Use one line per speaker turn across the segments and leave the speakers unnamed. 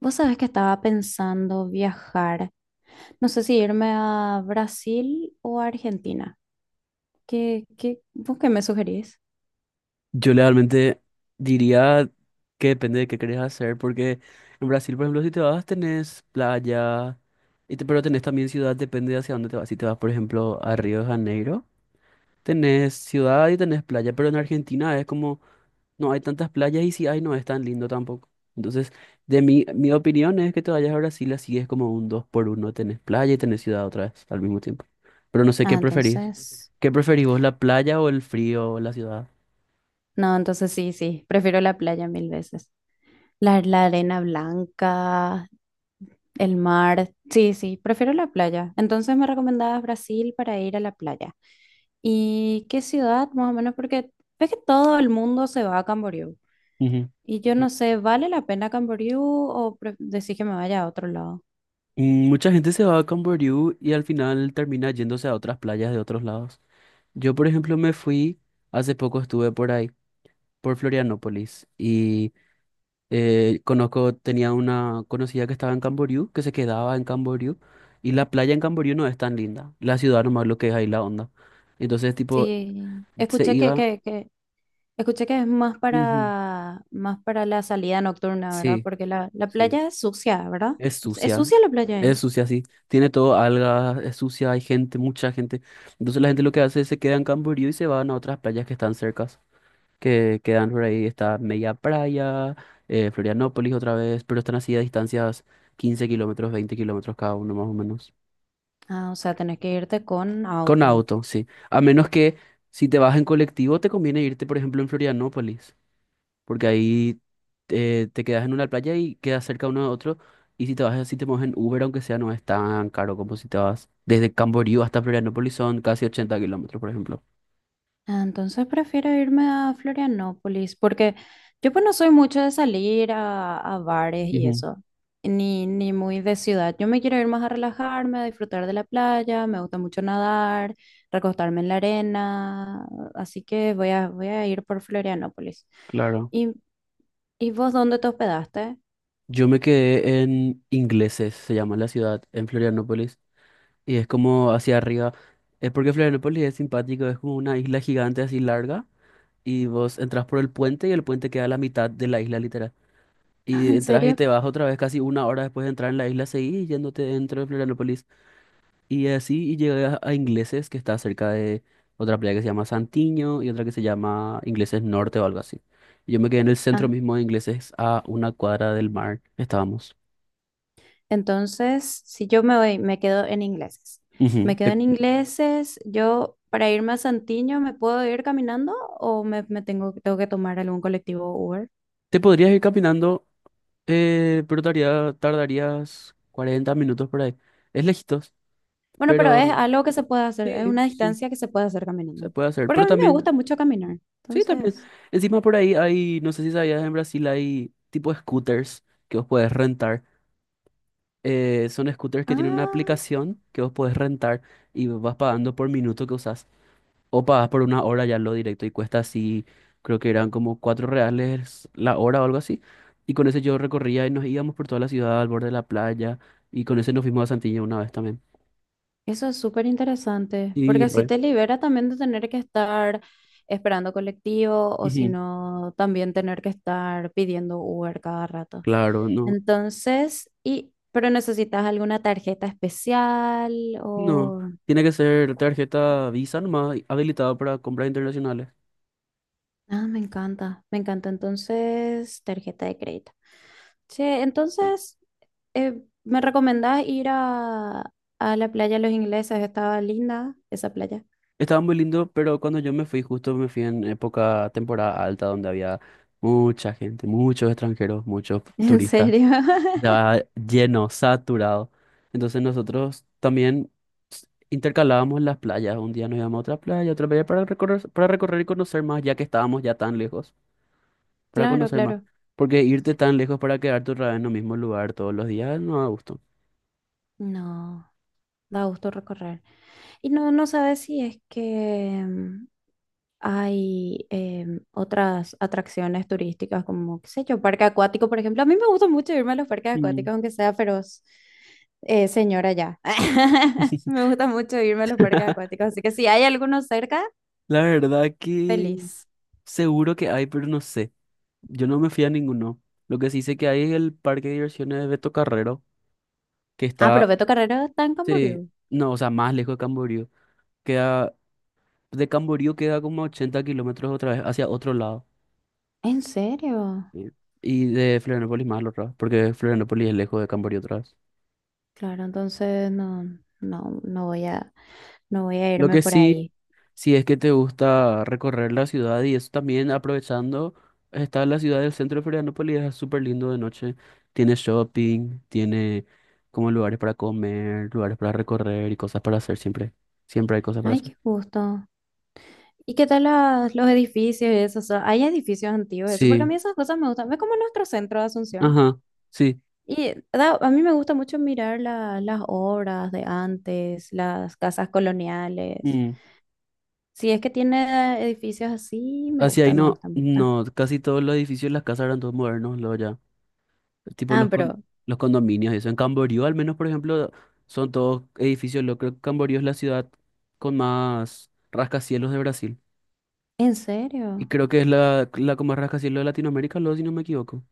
Vos sabés que estaba pensando viajar, no sé si irme a Brasil o a Argentina. ¿Vos qué me sugerís?
Yo realmente diría que depende de qué querés hacer, porque en Brasil, por ejemplo, si te vas, tenés playa, pero tenés también ciudad, depende de hacia dónde te vas. Si te vas, por ejemplo, a Río de Janeiro, tenés ciudad y tenés playa, pero en Argentina es como, no hay tantas playas y si hay, no es tan lindo tampoco. Entonces, de mi opinión es que te vayas a Brasil, así es como un dos por uno, tenés playa y tenés ciudad otra vez al mismo tiempo. Pero no sé qué
Ah,
preferís.
entonces,
¿Qué preferís vos, la playa o el frío o la ciudad?
no, entonces sí, sí, prefiero la playa mil veces. La arena blanca, el mar, sí, sí, prefiero la playa. Entonces me recomendabas Brasil para ir a la playa. ¿Y qué ciudad, más o menos? Porque ves que todo el mundo se va a Camboriú. Y yo no sé, ¿vale la pena Camboriú o decís que me vaya a otro lado?
Mucha gente se va a Camboriú y al final termina yéndose a otras playas de otros lados. Yo, por ejemplo, me fui, hace poco estuve por ahí, por Florianópolis, y conozco, tenía una conocida que estaba en Camboriú, que se quedaba en Camboriú, y la playa en Camboriú no es tan linda, la ciudad nomás lo que es ahí la onda. Entonces, tipo,
Sí,
se iba.
escuché que es más
Ujú.
para, más para la salida nocturna, ¿verdad?
Sí,
Porque la
sí.
playa es sucia, ¿verdad?
Es
¿Es
sucia,
sucia la playa
es
ahí?
sucia, sí. Tiene todo algas, es sucia, hay gente, mucha gente. Entonces la gente lo que hace es se queda en Camboriú y se van a otras playas que están cercas, que quedan por ahí, está Media Playa, Florianópolis otra vez, pero están así a distancias 15 kilómetros, 20 kilómetros cada uno más o menos.
Ah, o sea, tenés que irte con
Con
auto.
auto, sí. A menos que si te vas en colectivo te conviene irte, por ejemplo, en Florianópolis, porque ahí te quedas en una playa y quedas cerca uno de otro. Y si te vas así, te mueves en Uber, aunque sea, no es tan caro como si te vas desde Camboriú hasta Florianópolis, son casi 80 kilómetros, por ejemplo.
Ah, entonces prefiero irme a Florianópolis porque yo pues no soy mucho de salir a bares y
Ujú,
eso, ni, ni muy de ciudad. Yo me quiero ir más a relajarme, a disfrutar de la playa, me gusta mucho nadar, recostarme en la arena, así que voy a ir por Florianópolis.
claro.
¿Y, y vos dónde te hospedaste?
Yo me quedé en Ingleses, se llama la ciudad, en Florianópolis, y es como hacia arriba. Es porque Florianópolis es simpático, es como una isla gigante así larga, y vos entras por el puente y el puente queda a la mitad de la isla literal.
Ah,
Y
¿en
entras y
serio?
te vas otra vez casi una hora después de entrar en la isla, seguís yéndote dentro de Florianópolis. Y así y llegué a Ingleses, que está cerca de otra playa que se llama Santiño y otra que se llama Ingleses Norte o algo así. Y yo me quedé en el centro
Ah.
mismo de Ingleses, a una cuadra del mar. Estábamos.
Entonces, si yo me voy, me quedo en Ingleses.
Ujú.
Me quedo
Te,
en Ingleses, yo para irme a Santiño, ¿me puedo ir caminando o tengo que tomar algún colectivo o Uber?
te podrías ir caminando, pero tardarías 40 minutos por ahí. Es lejitos,
Bueno, pero
pero
es algo que se puede hacer, es
sí,
una
sí,
distancia que se puede hacer caminando.
se puede hacer.
Porque
Pero
a mí me gusta
también,
mucho caminar.
sí, también.
Entonces,
Encima por ahí hay, no sé si sabías, en Brasil hay tipo scooters que vos podés rentar. Son scooters que tienen una
ah.
aplicación que vos podés rentar y vas pagando por minuto que usás. O pagás por una hora ya lo directo y cuesta así, creo que eran como 4 reales la hora o algo así. Y con ese yo recorría y nos íbamos por toda la ciudad al borde de la playa. Y con ese nos fuimos a Santilla una vez también.
Eso es súper interesante, porque
Y
así
re.
te libera también de tener que estar esperando colectivo o si
Ujú,
no, también tener que estar pidiendo Uber cada rato.
claro, no.
Entonces, y, pero necesitas alguna tarjeta especial
No.
o...
Tiene que ser tarjeta Visa nomás habilitada para compras internacionales.
Ah, me encanta, me encanta. Entonces, tarjeta de crédito. Che, entonces, ¿me recomendás ir a la playa de los Ingleses? Estaba linda esa playa.
Estaba muy lindo, pero cuando yo me fui, justo me fui en época, temporada alta, donde había mucha gente, muchos extranjeros, muchos
¿En
turistas.
serio?
Estaba lleno, saturado. Entonces nosotros también intercalábamos las playas. Un día nos íbamos a otra playa para recorrer y conocer más, ya que estábamos ya tan lejos, para
Claro,
conocer más.
claro.
Porque irte tan lejos para quedarte otra vez en el mismo lugar todos los días no da gusto.
No, da gusto recorrer. Y no, no sabes si es que hay otras atracciones turísticas como, qué sé yo, parque acuático, por ejemplo. A mí me gusta mucho irme a los parques
Mm.
acuáticos, aunque sea feroz señora ya. Me gusta mucho irme a los parques acuáticos, así que si hay alguno cerca,
La verdad que
feliz.
seguro que hay, pero no sé. Yo no me fui a ninguno. Lo que sí sé que hay es el parque de diversiones de Beto Carrero, que
Ah, pero
está,
Beto Carrero está en Camboriú.
sí, no, o sea, más lejos de Camboriú. Queda, de Camboriú queda como 80 kilómetros otra vez hacia otro lado.
¿En serio?
Sí. Y de Florianópolis más al otro lado, porque Florianópolis es lejos de Camboriú otra vez.
Claro, entonces no, no, no voy a, no voy a
Lo
irme
que
por
sí,
ahí.
si es que te gusta recorrer la ciudad y eso también aprovechando, está la ciudad del centro de Florianópolis, es súper lindo de noche. Tiene shopping, tiene como lugares para comer, lugares para recorrer y cosas para hacer siempre. Siempre hay cosas para
Ay,
hacer.
qué gusto. ¿Y qué tal los edificios y eso? O sea, hay edificios antiguos, eso, porque a
Sí,
mí esas cosas me gustan. Es como nuestro centro de Asunción.
ajá, sí.
Y a mí me gusta mucho mirar las obras de antes, las casas coloniales.
Mm.
Si es que tiene edificios así, me
Hacia
gusta,
ahí
me
no,
gusta, me gusta.
no, casi todos los edificios, las casas eran todos modernos, luego ya. Tipo
Ah,
los,
pero,
los condominios y eso. En Camboriú, al menos, por ejemplo, son todos edificios. Lo creo que Camboriú es la ciudad con más rascacielos de Brasil.
¿en
Y
serio?
creo que es la, la como rascacielos de Latinoamérica, luego, si no me equivoco.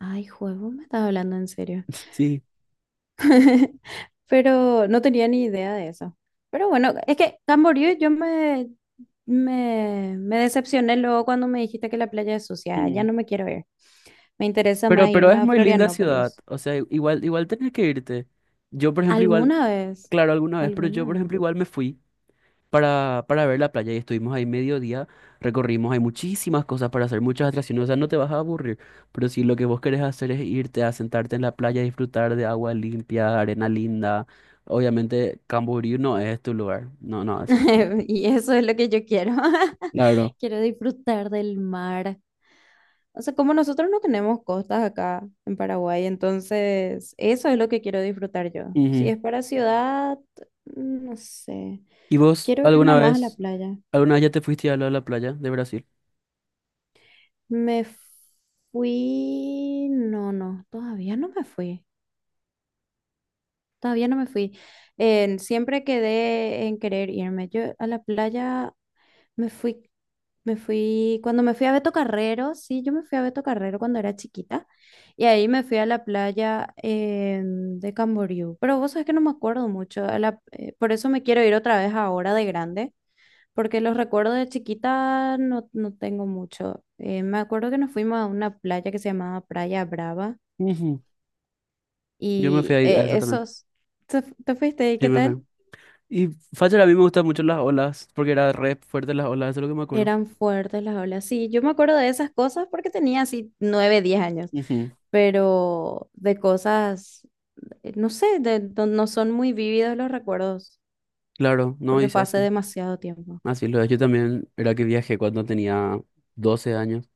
Ay, juego, me estás hablando en serio.
Sí.
Pero no tenía ni idea de eso. Pero bueno, es que Camboriú me decepcioné luego cuando me dijiste que la playa es sucia. Ya
Mm.
no me quiero ir. Me interesa más
Pero
irme
es
a
muy linda ciudad,
Florianópolis.
o sea, igual, igual tenés que irte. Yo, por ejemplo, igual,
¿Alguna vez?
claro, alguna vez, pero yo,
¿Alguna
por
vez?
ejemplo, igual me fui para ver la playa y estuvimos ahí medio día, recorrimos, hay muchísimas cosas para hacer, muchas atracciones, o sea, no te vas a aburrir, pero si lo que vos querés hacer es irte a sentarte en la playa, disfrutar de agua limpia, arena linda, obviamente Camboriú no es tu lugar, no, no es.
Y eso es lo que yo quiero.
Claro.
Quiero disfrutar del mar. O sea, como nosotros no tenemos costas acá en Paraguay, entonces eso es lo que quiero disfrutar yo. Si
Ujú.
es para ciudad, no sé.
¿Y vos
Quiero irme
alguna
más a la
vez?
playa.
¿Alguna vez ya te fuiste a la playa de Brasil?
Me fui... No, no, todavía no me fui. Todavía no me fui. Siempre quedé en querer irme. Yo a la playa me fui, me fui, cuando me fui a Beto Carrero, sí, yo me fui a Beto Carrero cuando era chiquita. Y ahí me fui a la playa de Camboriú. Pero vos sabés que no me acuerdo mucho. Por eso me quiero ir otra vez ahora de grande. Porque los recuerdos de chiquita no, no tengo mucho. Me acuerdo que nos fuimos a una playa que se llamaba Playa Brava
Ujú. Yo me fui
y
a, ir a esa también.
¿te, te fuiste y
Sí,
qué
me fui.
tal?
Y Facher, a mí me gustan mucho las olas, porque era re fuerte las olas, eso es lo que me acuerdo.
Eran fuertes las olas. Sí, yo me acuerdo de esas cosas porque tenía así 9, 10 años,
Ujú.
pero de cosas, no sé, no, no son muy vívidos los recuerdos
Claro, no
porque
hice
fue hace
así.
demasiado tiempo.
Así lo es. Yo también era que viajé cuando tenía 12 años.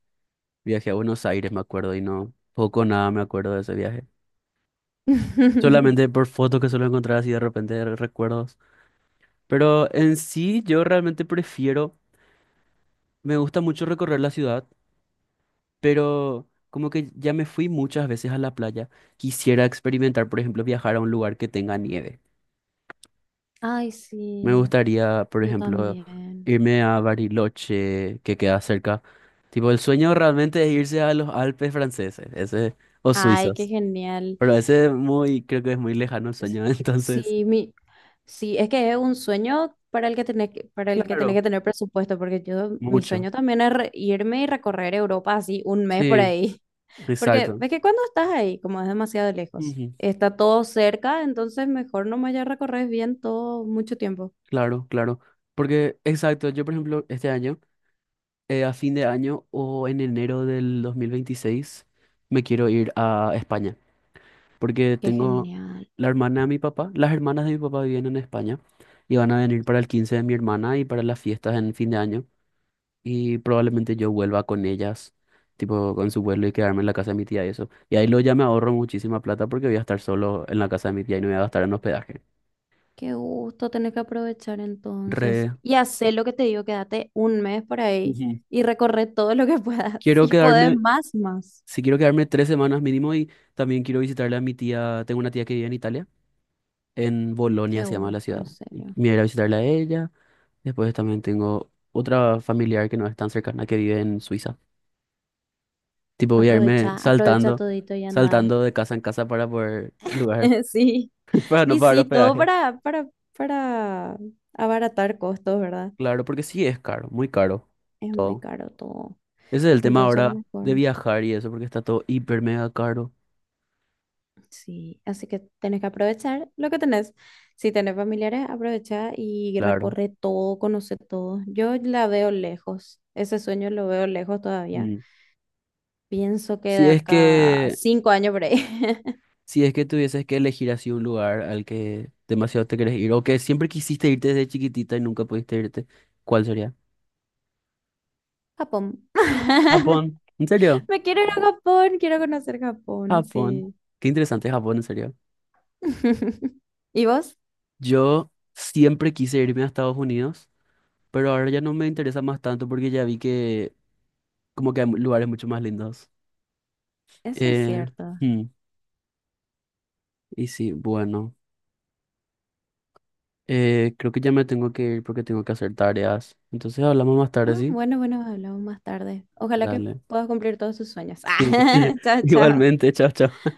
Viajé a Buenos Aires, me acuerdo, y no, poco o nada me acuerdo de ese viaje. Solamente por fotos que suelo encontrar así de repente recuerdos. Pero en sí, yo realmente prefiero, me gusta mucho recorrer la ciudad, pero como que ya me fui muchas veces a la playa. Quisiera experimentar, por ejemplo, viajar a un lugar que tenga nieve.
Ay,
Me
sí,
gustaría, por
yo
ejemplo,
también.
irme a Bariloche, que queda cerca. Tipo, el sueño realmente es irse a los Alpes franceses, ese, o
Ay, qué
suizos.
genial.
Pero ese es muy, creo que es muy lejano el
S-
sueño, entonces,
Sí, sí, es que es un sueño para el que tenés que, para el que tenés
claro,
que tener presupuesto, porque yo, mi
mucho.
sueño también es irme y recorrer Europa así un mes por
Sí,
ahí. Porque
exacto.
ves que cuando estás ahí, como es demasiado lejos,
Ujú,
está todo cerca, entonces mejor nomás ya recorres bien todo mucho tiempo.
claro, claro. Porque, exacto, yo por ejemplo, este año a fin de año o en enero del 2026 me quiero ir a España, porque
Qué
tengo
genial.
la hermana de mi papá, las hermanas de mi papá viven en España y van a venir para el 15 de mi hermana y para las fiestas en fin de año y probablemente yo vuelva con ellas, tipo con su vuelo y quedarme en la casa de mi tía y eso. Y ahí lo ya me ahorro muchísima plata porque voy a estar solo en la casa de mi tía y no voy a gastar en hospedaje.
Qué gusto, tenés que aprovechar entonces
Re.
y hacer lo que te digo, quédate un mes por ahí
Ujú.
y recorre todo lo que puedas.
Quiero
Si podés
quedarme,
más, más.
si quiero quedarme 3 semanas mínimo y también quiero visitarle a mi tía, tengo una tía que vive en Italia. En
Qué
Bolonia se llama la
gusto,
ciudad.
en serio.
Me iré a ir a visitarla a ella. Después también tengo otra familiar que no es tan cercana que vive en Suiza. Tipo, voy a irme
Aprovecha, aprovecha
saltando,
todito y anda.
saltando de casa en casa para poder lugar,
Sí,
para no
y
pagar
sí, todo
hospedaje.
para abaratar costos, ¿verdad?
Claro, porque sí es caro, muy caro
Es muy
todo.
caro todo,
Ese es el tema
entonces
ahora de
mejor.
viajar y eso, porque está todo hiper mega caro.
Sí, así que tenés que aprovechar lo que tenés. Si tenés familiares, aprovecha y
Claro.
recorre todo, conoce todo. Yo la veo lejos, ese sueño lo veo lejos todavía.
Mm.
Pienso que de
Si es
acá a
que,
5 años por ahí.
si es que tuvieses que elegir así un lugar al que demasiado te querés ir, o que siempre quisiste irte desde chiquitita y nunca pudiste irte, ¿cuál sería?
Japón.
Japón, ¿en serio?
Me quiero ir a Japón, quiero conocer Japón,
Japón.
sí.
Qué interesante Japón, en serio.
¿Y vos?
Yo siempre quise irme a Estados Unidos, pero ahora ya no me interesa más tanto porque ya vi que como que hay lugares mucho más lindos.
Eso es
Eh,
cierto.
hmm, y sí, bueno, creo que ya me tengo que ir porque tengo que hacer tareas. Entonces hablamos más tarde,
Ah,
¿sí?
bueno, bueno, hablamos más tarde. Ojalá que
Dale.
puedas cumplir todos tus sueños.
Sí,
Ah, chao, chao.
igualmente, chao, chao.